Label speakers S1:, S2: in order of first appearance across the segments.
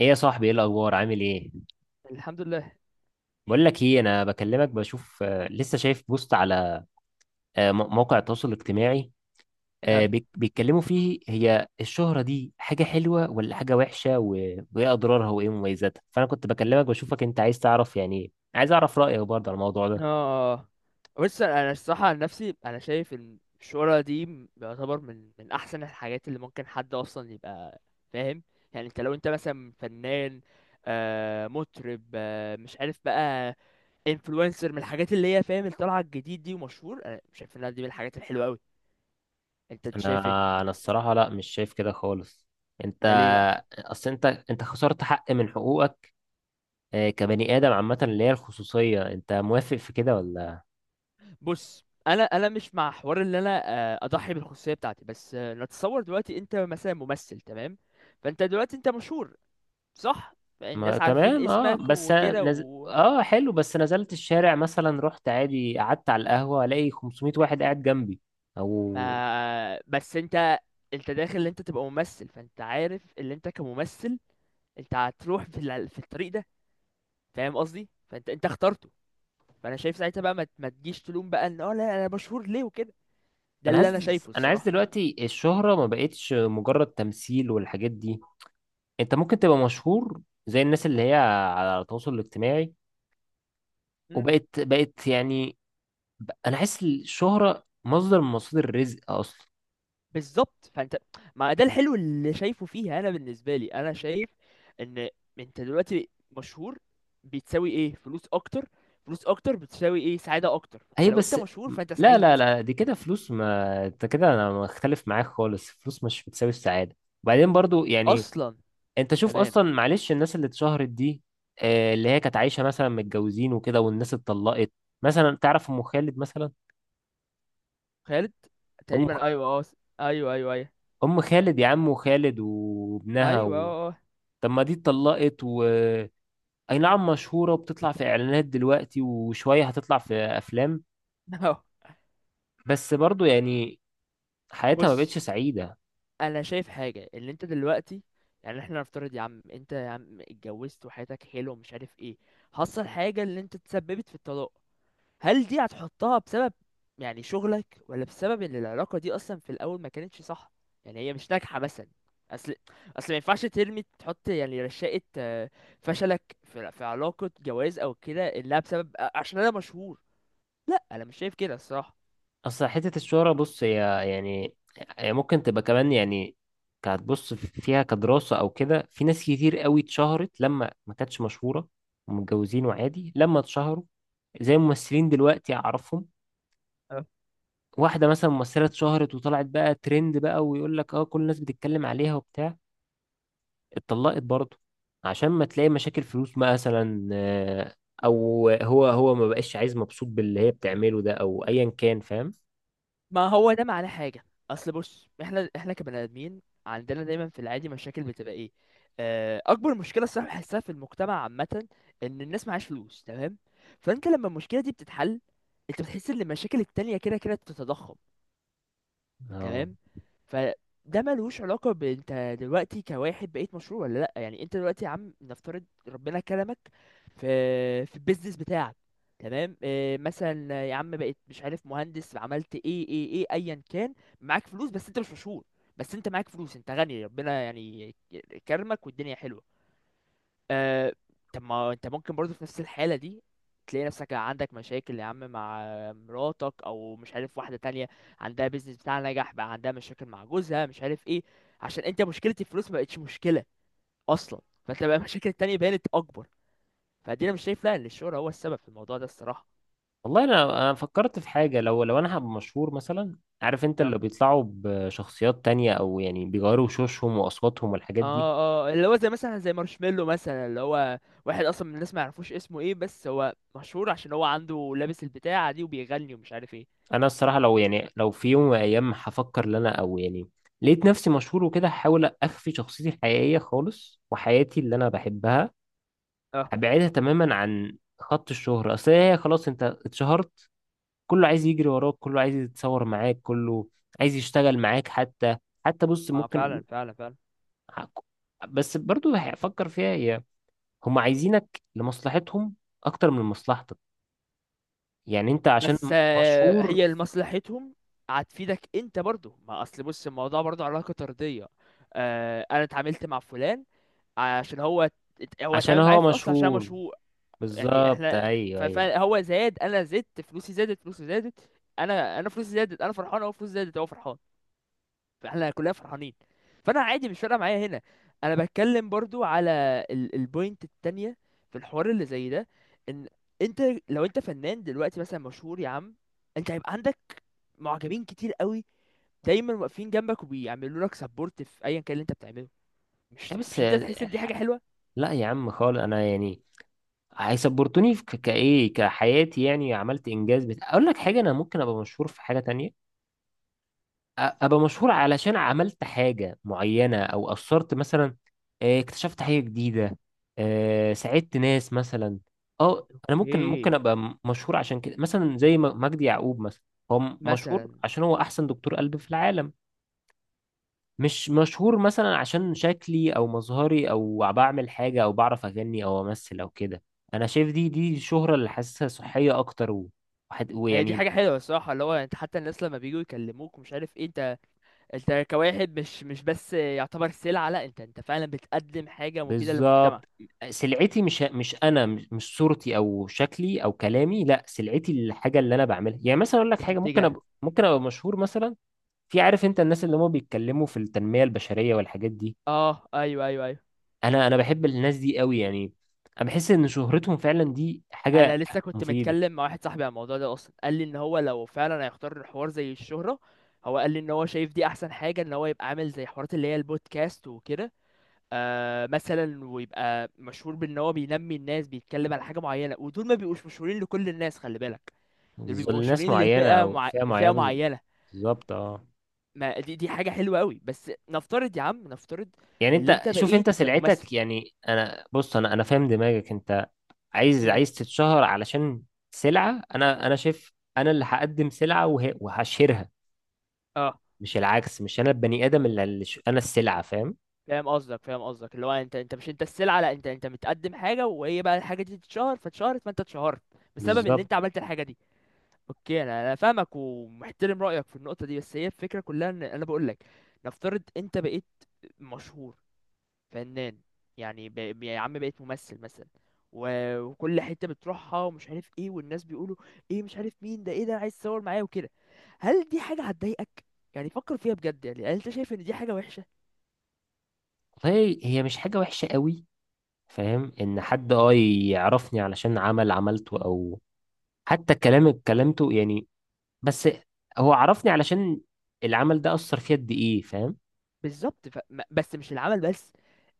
S1: ايه يا صاحبي، ايه الاخبار؟ عامل ايه؟
S2: الحمد لله.
S1: بقول لك ايه، انا بكلمك بشوف لسه شايف بوست على موقع التواصل الاجتماعي.
S2: اه،
S1: بيتكلموا فيه، هي الشهرة دي حاجة حلوة ولا حاجة وحشة وايه اضرارها وايه مميزاتها؟ فانا كنت بكلمك بشوفك انت عايز تعرف، يعني عايز اعرف رأيك برضه على الموضوع ده.
S2: اه، بص انا الصراحه عن نفسي انا شايف ان الشهره دي يعتبر من احسن الحاجات اللي ممكن حد اصلا يبقى فاهم. يعني انت لو انت مثلا فنان، مطرب، مش عارف بقى، انفلونسر، من الحاجات اللي هي فاهم الطلعه الجديد دي ومشهور. انا شايف انها دي من الحاجات الحلوه قوي. انت
S1: انا
S2: شايف ايه؟
S1: انا الصراحة لا، مش شايف كده خالص. انت
S2: ده ليه بقى؟
S1: اصل انت خسرت حق من حقوقك، كبني ادم عامة، اللي هي الخصوصية. انت موافق في كده ولا؟
S2: بص، انا مش مع حوار ان انا اضحي بالخصوصيه بتاعتي، بس نتصور دلوقتي انت مثلا ممثل. تمام؟ فانت دلوقتي انت مشهور، صح؟
S1: ما
S2: الناس عارفين
S1: تمام اه،
S2: اسمك
S1: بس
S2: وكده،
S1: أنا
S2: و...
S1: اه حلو، بس نزلت الشارع مثلا، رحت عادي، قعدت على القهوة، الاقي 500 واحد قاعد جنبي او.
S2: ما... بس انت، انت داخل ان انت تبقى ممثل، فانت عارف ان انت كممثل انت هتروح في الطريق ده، فاهم قصدي؟ فانت انت اخترته. فانا شايف ساعتها بقى ما تجيش تلوم بقى ان لا، انا مشهور ليه وكده. ده
S1: انا
S2: اللي انا
S1: عايز
S2: شايفه
S1: انا عايز
S2: الصراحة.
S1: دلوقتي الشهرة ما بقتش مجرد تمثيل والحاجات دي. انت ممكن تبقى مشهور زي الناس اللي هي على التواصل الاجتماعي، وبقت يعني انا حاسس الشهرة مصدر من مصادر الرزق اصلا.
S2: بالظبط فانت، ما ده الحلو اللي شايفه فيها. انا بالنسبه لي انا شايف ان انت دلوقتي مشهور، بتساوي ايه؟ فلوس اكتر. فلوس اكتر بتساوي ايه؟ سعاده اكتر. انت
S1: ايوه
S2: لو انت
S1: بس
S2: مشهور فانت
S1: لا،
S2: سعيد
S1: لا، لا، دي كده فلوس. ما انت كده انا مختلف معاك خالص، فلوس مش بتساوي السعاده. وبعدين برضو يعني،
S2: اصلا.
S1: انت شوف
S2: تمام.
S1: اصلا، معلش، الناس اللي اتشهرت دي، اللي هي كانت عايشه مثلا متجوزين وكده والناس اتطلقت. مثلا تعرف ام خالد؟ مثلا
S2: خالد.
S1: ام
S2: تقريبا، ايوه، اه. ايوه، ايوه، ايوه.
S1: ام خالد يا عم خالد وابنها
S2: ايوه،
S1: و...
S2: اه.
S1: طب ما دي اتطلقت و اي نعم مشهوره وبتطلع في اعلانات دلوقتي وشويه هتطلع في افلام،
S2: آه.
S1: بس برضو يعني حياتها ما بقتش
S2: بص،
S1: سعيده.
S2: انا شايف حاجه. اللي انت دلوقتي، يعني احنا نفترض يا عم، انت يا عم اتجوزت وحياتك حلوه ومش عارف ايه، حصل حاجه اللي انت تسببت في الطلاق. هل دي هتحطها بسبب يعني شغلك، ولا بسبب ان العلاقة دي اصلا في الاول ما كانتش صح؟ يعني هي مش ناجحة مثلا. اصل اصل ما ينفعش ترمي، تحط يعني رشاقة، فشلك في علاقة جواز او كده الا بسبب عشان انا مشهور. لا، انا مش شايف كده الصراحة.
S1: اصل حتة الشهرة، بص هي يعني هي ممكن تبقى كمان، يعني كهتبص فيها كدراسة او كده. في ناس كتير قوي اتشهرت لما ما كانتش مشهورة ومتجوزين، وعادي لما اتشهروا، زي ممثلين دلوقتي اعرفهم. واحدة مثلا ممثلة اتشهرت وطلعت بقى ترند، بقى ويقول لك اه كل الناس بتتكلم عليها وبتاع، اتطلقت برضه عشان ما تلاقي مشاكل فلوس مثلا، او هو ما بقاش عايز، مبسوط باللي هي بتعمله ده او ايا كان، فاهم.
S2: ما هو ده معناه حاجة. أصل بص، إحنا كبني آدمين عندنا دايما في العادي مشاكل، بتبقى إيه؟ أكبر مشكلة الصراحة بحسها في المجتمع عامة إن الناس معهاش فلوس. تمام؟ فأنت لما المشكلة دي بتتحل، أنت بتحس إن المشاكل التانية كده كده بتتضخم. تمام؟ فده ملوش علاقة بانت دلوقتي كواحد بقيت مشهور ولا لأ. يعني انت دلوقتي يا عم، نفترض ربنا كرمك في البيزنس بتاعك. تمام. اه، مثلا يا عم بقيت مش عارف مهندس، عملت ايه، ايا كان، معاك فلوس بس انت مش مشهور. بس انت معاك فلوس، انت غني ربنا يعني كرمك والدنيا حلوة. آه، طب ما انت ممكن برضو في نفس الحالة دي تلاقي نفسك عندك مشاكل يا عم مع مراتك، او مش عارف واحدة تانية عندها بيزنس بتاعها نجح بقى، عندها مشاكل مع جوزها مش عارف ايه، عشان انت مشكلة الفلوس ما بقتش مشكلة اصلا. فانت بقى المشاكل التانية بانت اكبر. فدي انا مش شايف لا ان الشهرة هو السبب في الموضوع ده الصراحة.
S1: والله انا فكرت في حاجه، لو انا هبقى مشهور مثلا، عارف انت
S2: اه،
S1: اللي بيطلعوا بشخصيات تانية او يعني بيغيروا وشوشهم واصواتهم والحاجات
S2: اه،
S1: دي.
S2: اه، اللي هو زي مثلا زي مارشميلو مثلا، اللي هو واحد اصلا من الناس ما يعرفوش اسمه ايه، بس هو مشهور عشان هو عنده لابس البتاعة دي وبيغني ومش عارف ايه.
S1: انا الصراحه، لو يعني لو في يوم من الايام هفكر ان انا او يعني لقيت نفسي مشهور وكده، هحاول اخفي شخصيتي الحقيقيه خالص وحياتي اللي انا بحبها،
S2: اه،
S1: هبعدها تماما عن خط الشهره. اصل هي خلاص انت اتشهرت، كله عايز يجري وراك، كله عايز يتصور معاك، كله عايز يشتغل معاك. حتى بص
S2: اه، فعلا،
S1: ممكن،
S2: فعلا، فعلا.
S1: بس برضو هفكر فيها، هي هم عايزينك لمصلحتهم اكتر من مصلحتك. يعني انت عشان
S2: بس
S1: مشهور
S2: هي لمصلحتهم هتفيدك انت برضو. ما اصل بص الموضوع برضو علاقة طردية. انا اتعاملت مع فلان عشان هو
S1: عشان
S2: اتعامل معايا
S1: هو
S2: في الاصل عشان أنا
S1: مشهور،
S2: مشهور. يعني
S1: بالظبط،
S2: احنا
S1: ايوه، ايوه
S2: فهو زاد، انا زدت، فلوسي زادت، فلوسه زادت. انا فلوسي زادت، انا فرحان. هو فلوسه زادت، هو فرحان. فاحنا كلنا فرحانين. فانا عادي مش فارقه معايا هنا. انا بتكلم برضو على البوينت التانية في الحوار اللي زي ده، ان انت لو انت فنان دلوقتي مثلا مشهور يا عم، انت هيبقى عندك معجبين كتير قوي دايما واقفين جنبك وبيعملوا لك سبورت في ايا كان اللي انت بتعمله. مش
S1: بس
S2: مش انت تحس ان دي حاجه حلوه؟
S1: لا يا عم خالص. انا يعني هيسبورتوني في كايه كحياتي يعني، عملت انجاز اقول لك حاجه، انا ممكن ابقى مشهور في حاجه تانية، ابقى مشهور علشان عملت حاجة معينة او اثرت مثلا، اكتشفت حاجة جديدة، ساعدت ناس مثلا. اه انا ممكن
S2: اوكي،
S1: ابقى مشهور عشان كده مثلا، زي مجدي يعقوب مثلا، هو مشهور
S2: مثلا.
S1: عشان هو احسن دكتور قلب في العالم. مش مشهور مثلا عشان شكلي او مظهري او بعمل حاجة او بعرف اغني او امثل او كده. انا شايف دي شهرة اللي حاسسها صحية اكتر
S2: هي دي
S1: ويعني.
S2: حاجه حلوه الصراحه، اللي هو انت حتى الناس لما بييجوا يكلموك ومش عارف ايه، انت، انت كواحد مش بس يعتبر سلعه، لا انت فعلا بتقدم حاجه مفيده للمجتمع.
S1: بالظبط، سلعتي مش انا، مش صورتي او شكلي او كلامي، لا سلعتي الحاجه اللي انا بعملها. يعني مثلا اقول لك حاجه، ممكن
S2: بتتجه.
S1: ممكن ابقى مشهور مثلا في، عارف انت الناس اللي هم بيتكلموا في التنميه البشريه والحاجات دي.
S2: اه، ايوه، ايوه، ايوه.
S1: انا بحب الناس دي قوي يعني، انا بحس ان شهرتهم فعلا دي
S2: انا
S1: حاجه
S2: لسه كنت
S1: مفيده،
S2: متكلم مع واحد صاحبي عن الموضوع ده اصلا، قال لي ان هو لو فعلا هيختار الحوار زي الشهرة، هو قال لي ان هو شايف دي احسن حاجة ان هو يبقى عامل زي حوارات اللي هي البودكاست وكده، مثلا، ويبقى مشهور بان هو بينمي الناس، بيتكلم على حاجة معينة. ودول ما بيبقوش مشهورين لكل الناس خلي بالك، دول
S1: بالظبط
S2: بيبقوا
S1: لناس
S2: مشهورين
S1: معينه
S2: لفئة
S1: او
S2: مع...
S1: فئه معينه
S2: فئة معينة.
S1: بالظبط، اه،
S2: ما دي، حاجة حلوة قوي. بس نفترض يا عم، نفترض
S1: يعني
S2: اللي
S1: انت
S2: انت
S1: شوف
S2: بقيت
S1: انت
S2: ممثل.
S1: سلعتك. يعني انا بص انا فاهم دماغك، انت عايز
S2: مم.
S1: عايز تتشهر علشان سلعة. انا شايف انا اللي هقدم سلعة وهشيرها، مش العكس، مش انا البني ادم اللي انا السلعة، فاهم.
S2: فاهم قصدك، فاهم قصدك. اللي هو انت مش انت السلعه، لا انت متقدم حاجه، وهي بقى الحاجه دي تتشهر، فاتشهرت فانت اتشهرت بسبب ان
S1: بالظبط،
S2: انت عملت الحاجه دي. اوكي. انا فاهمك ومحترم رايك في النقطه دي. بس هي الفكره كلها ان انا بقول لك نفترض انت بقيت مشهور، فنان، يعني يا عم بقيت ممثل مثلا، و... وكل حته بتروحها ومش عارف ايه، والناس بيقولوا ايه، مش عارف مين ده، ايه ده، انا عايز اتصور معاه وكده. هل دي حاجه هتضايقك؟ يعني فكر فيها بجد. يعني هل انت شايف ان دي حاجه؟
S1: هي مش حاجة وحشة قوي. فاهم ان حد يعرفني علشان عمل عملته، او حتى كلام اتكلمته يعني، بس هو عرفني علشان العمل ده اثر فيا قد ايه، فاهم.
S2: بالظبط، بس مش العمل بس،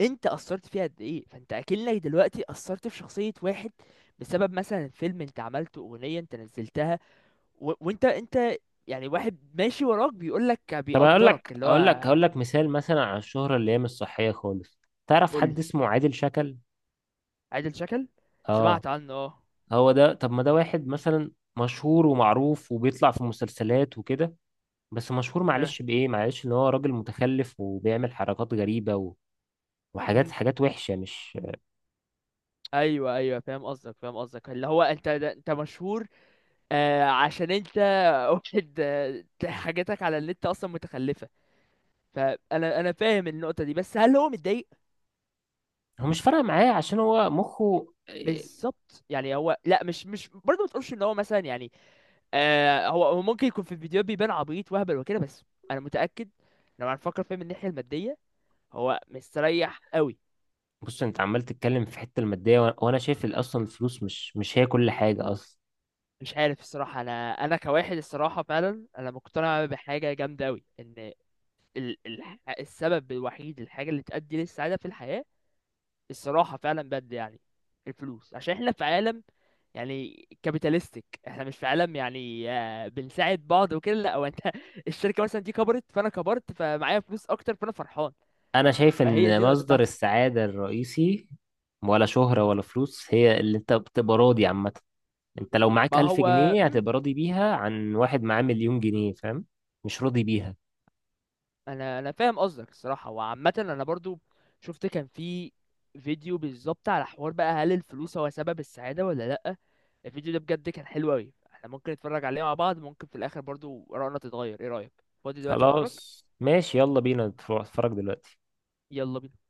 S2: انت اثرت فيها قد ايه، فانت اكنك دلوقتي اثرت في شخصيه واحد بسبب مثلا فيلم انت عملته، اغنيه انت نزلتها. وانت، انت يعني واحد ماشي وراك بيقول لك
S1: طب، اقول
S2: بيقدرك
S1: لك
S2: اللي
S1: اقول لك
S2: هو.
S1: هقول لك مثال مثلا على الشهرة اللي هي مش صحية خالص. تعرف
S2: قول.
S1: حد اسمه عادل شكل؟
S2: عادل شكل،
S1: اه،
S2: سمعت عنه، اه.
S1: هو ده. طب ما ده واحد مثلا مشهور ومعروف وبيطلع في مسلسلات وكده، بس مشهور
S2: اه.
S1: معلش بإيه؟ معلش ان هو راجل متخلف وبيعمل حركات غريبة و... وحاجات
S2: مم.
S1: حاجات وحشة، مش
S2: ايوه، ايوه، فاهم قصدك، فاهم قصدك. اللي هو انت ده، انت مشهور عشان انت واحد، حاجاتك على النت اصلا متخلفه. فانا فاهم النقطه دي، بس هل هو متضايق؟
S1: هو مش فارقة معاه عشان هو مخه إيه.
S2: بالظبط. يعني هو لا، مش برضه، ما تقولش ان هو مثلا يعني، هو ممكن يكون في الفيديو بيبان عبيط وهبل وكده. بس انا متاكد لو هنفكر فيه من الناحيه الماديه هو مستريح قوي.
S1: بص انت عمال تتكلم في حتة المادية وانا شايف اصلا الفلوس، مش هي كل حاجة اصلا.
S2: مش عارف الصراحه. انا كواحد الصراحه فعلا انا مقتنع بحاجه جامده قوي، ان ال... ال... السبب الوحيد، الحاجه اللي تؤدي للسعاده في الحياه الصراحة فعلا بجد يعني الفلوس، عشان احنا في عالم يعني كابيتاليستيك، احنا مش في عالم يعني بنساعد بعض وكده، لا. هو انت الشركة مثلا دي كبرت، فانا كبرت، فمعايا فلوس اكتر، فانا فرحان.
S1: انا شايف
S2: فهي
S1: ان
S2: دي النقطة
S1: مصدر
S2: بتاعتي.
S1: السعادة الرئيسي، ولا شهرة ولا فلوس، هي اللي انت بتبقى راضي عامة. انت لو
S2: ما
S1: معاك ألف
S2: هو،
S1: جنيه
S2: مم.
S1: هتبقى راضي بيها عن واحد معاه مليون جنيه، فاهم؟ مش راضي بيها.
S2: انا فاهم قصدك الصراحة. وعامة انا برضو شفت كان في فيديو بالظبط على حوار بقى هل الفلوس هو سبب السعادة ولا لا. الفيديو ده بجد كان حلو اوي، احنا ممكن نتفرج عليه مع بعض. ممكن في الاخر برضو رأينا تتغير. ايه رأيك؟ فاضي دلوقتي نتفرج؟
S1: خلاص، ماشي، يلا بينا نتفرج دلوقتي.
S2: يلا بينا.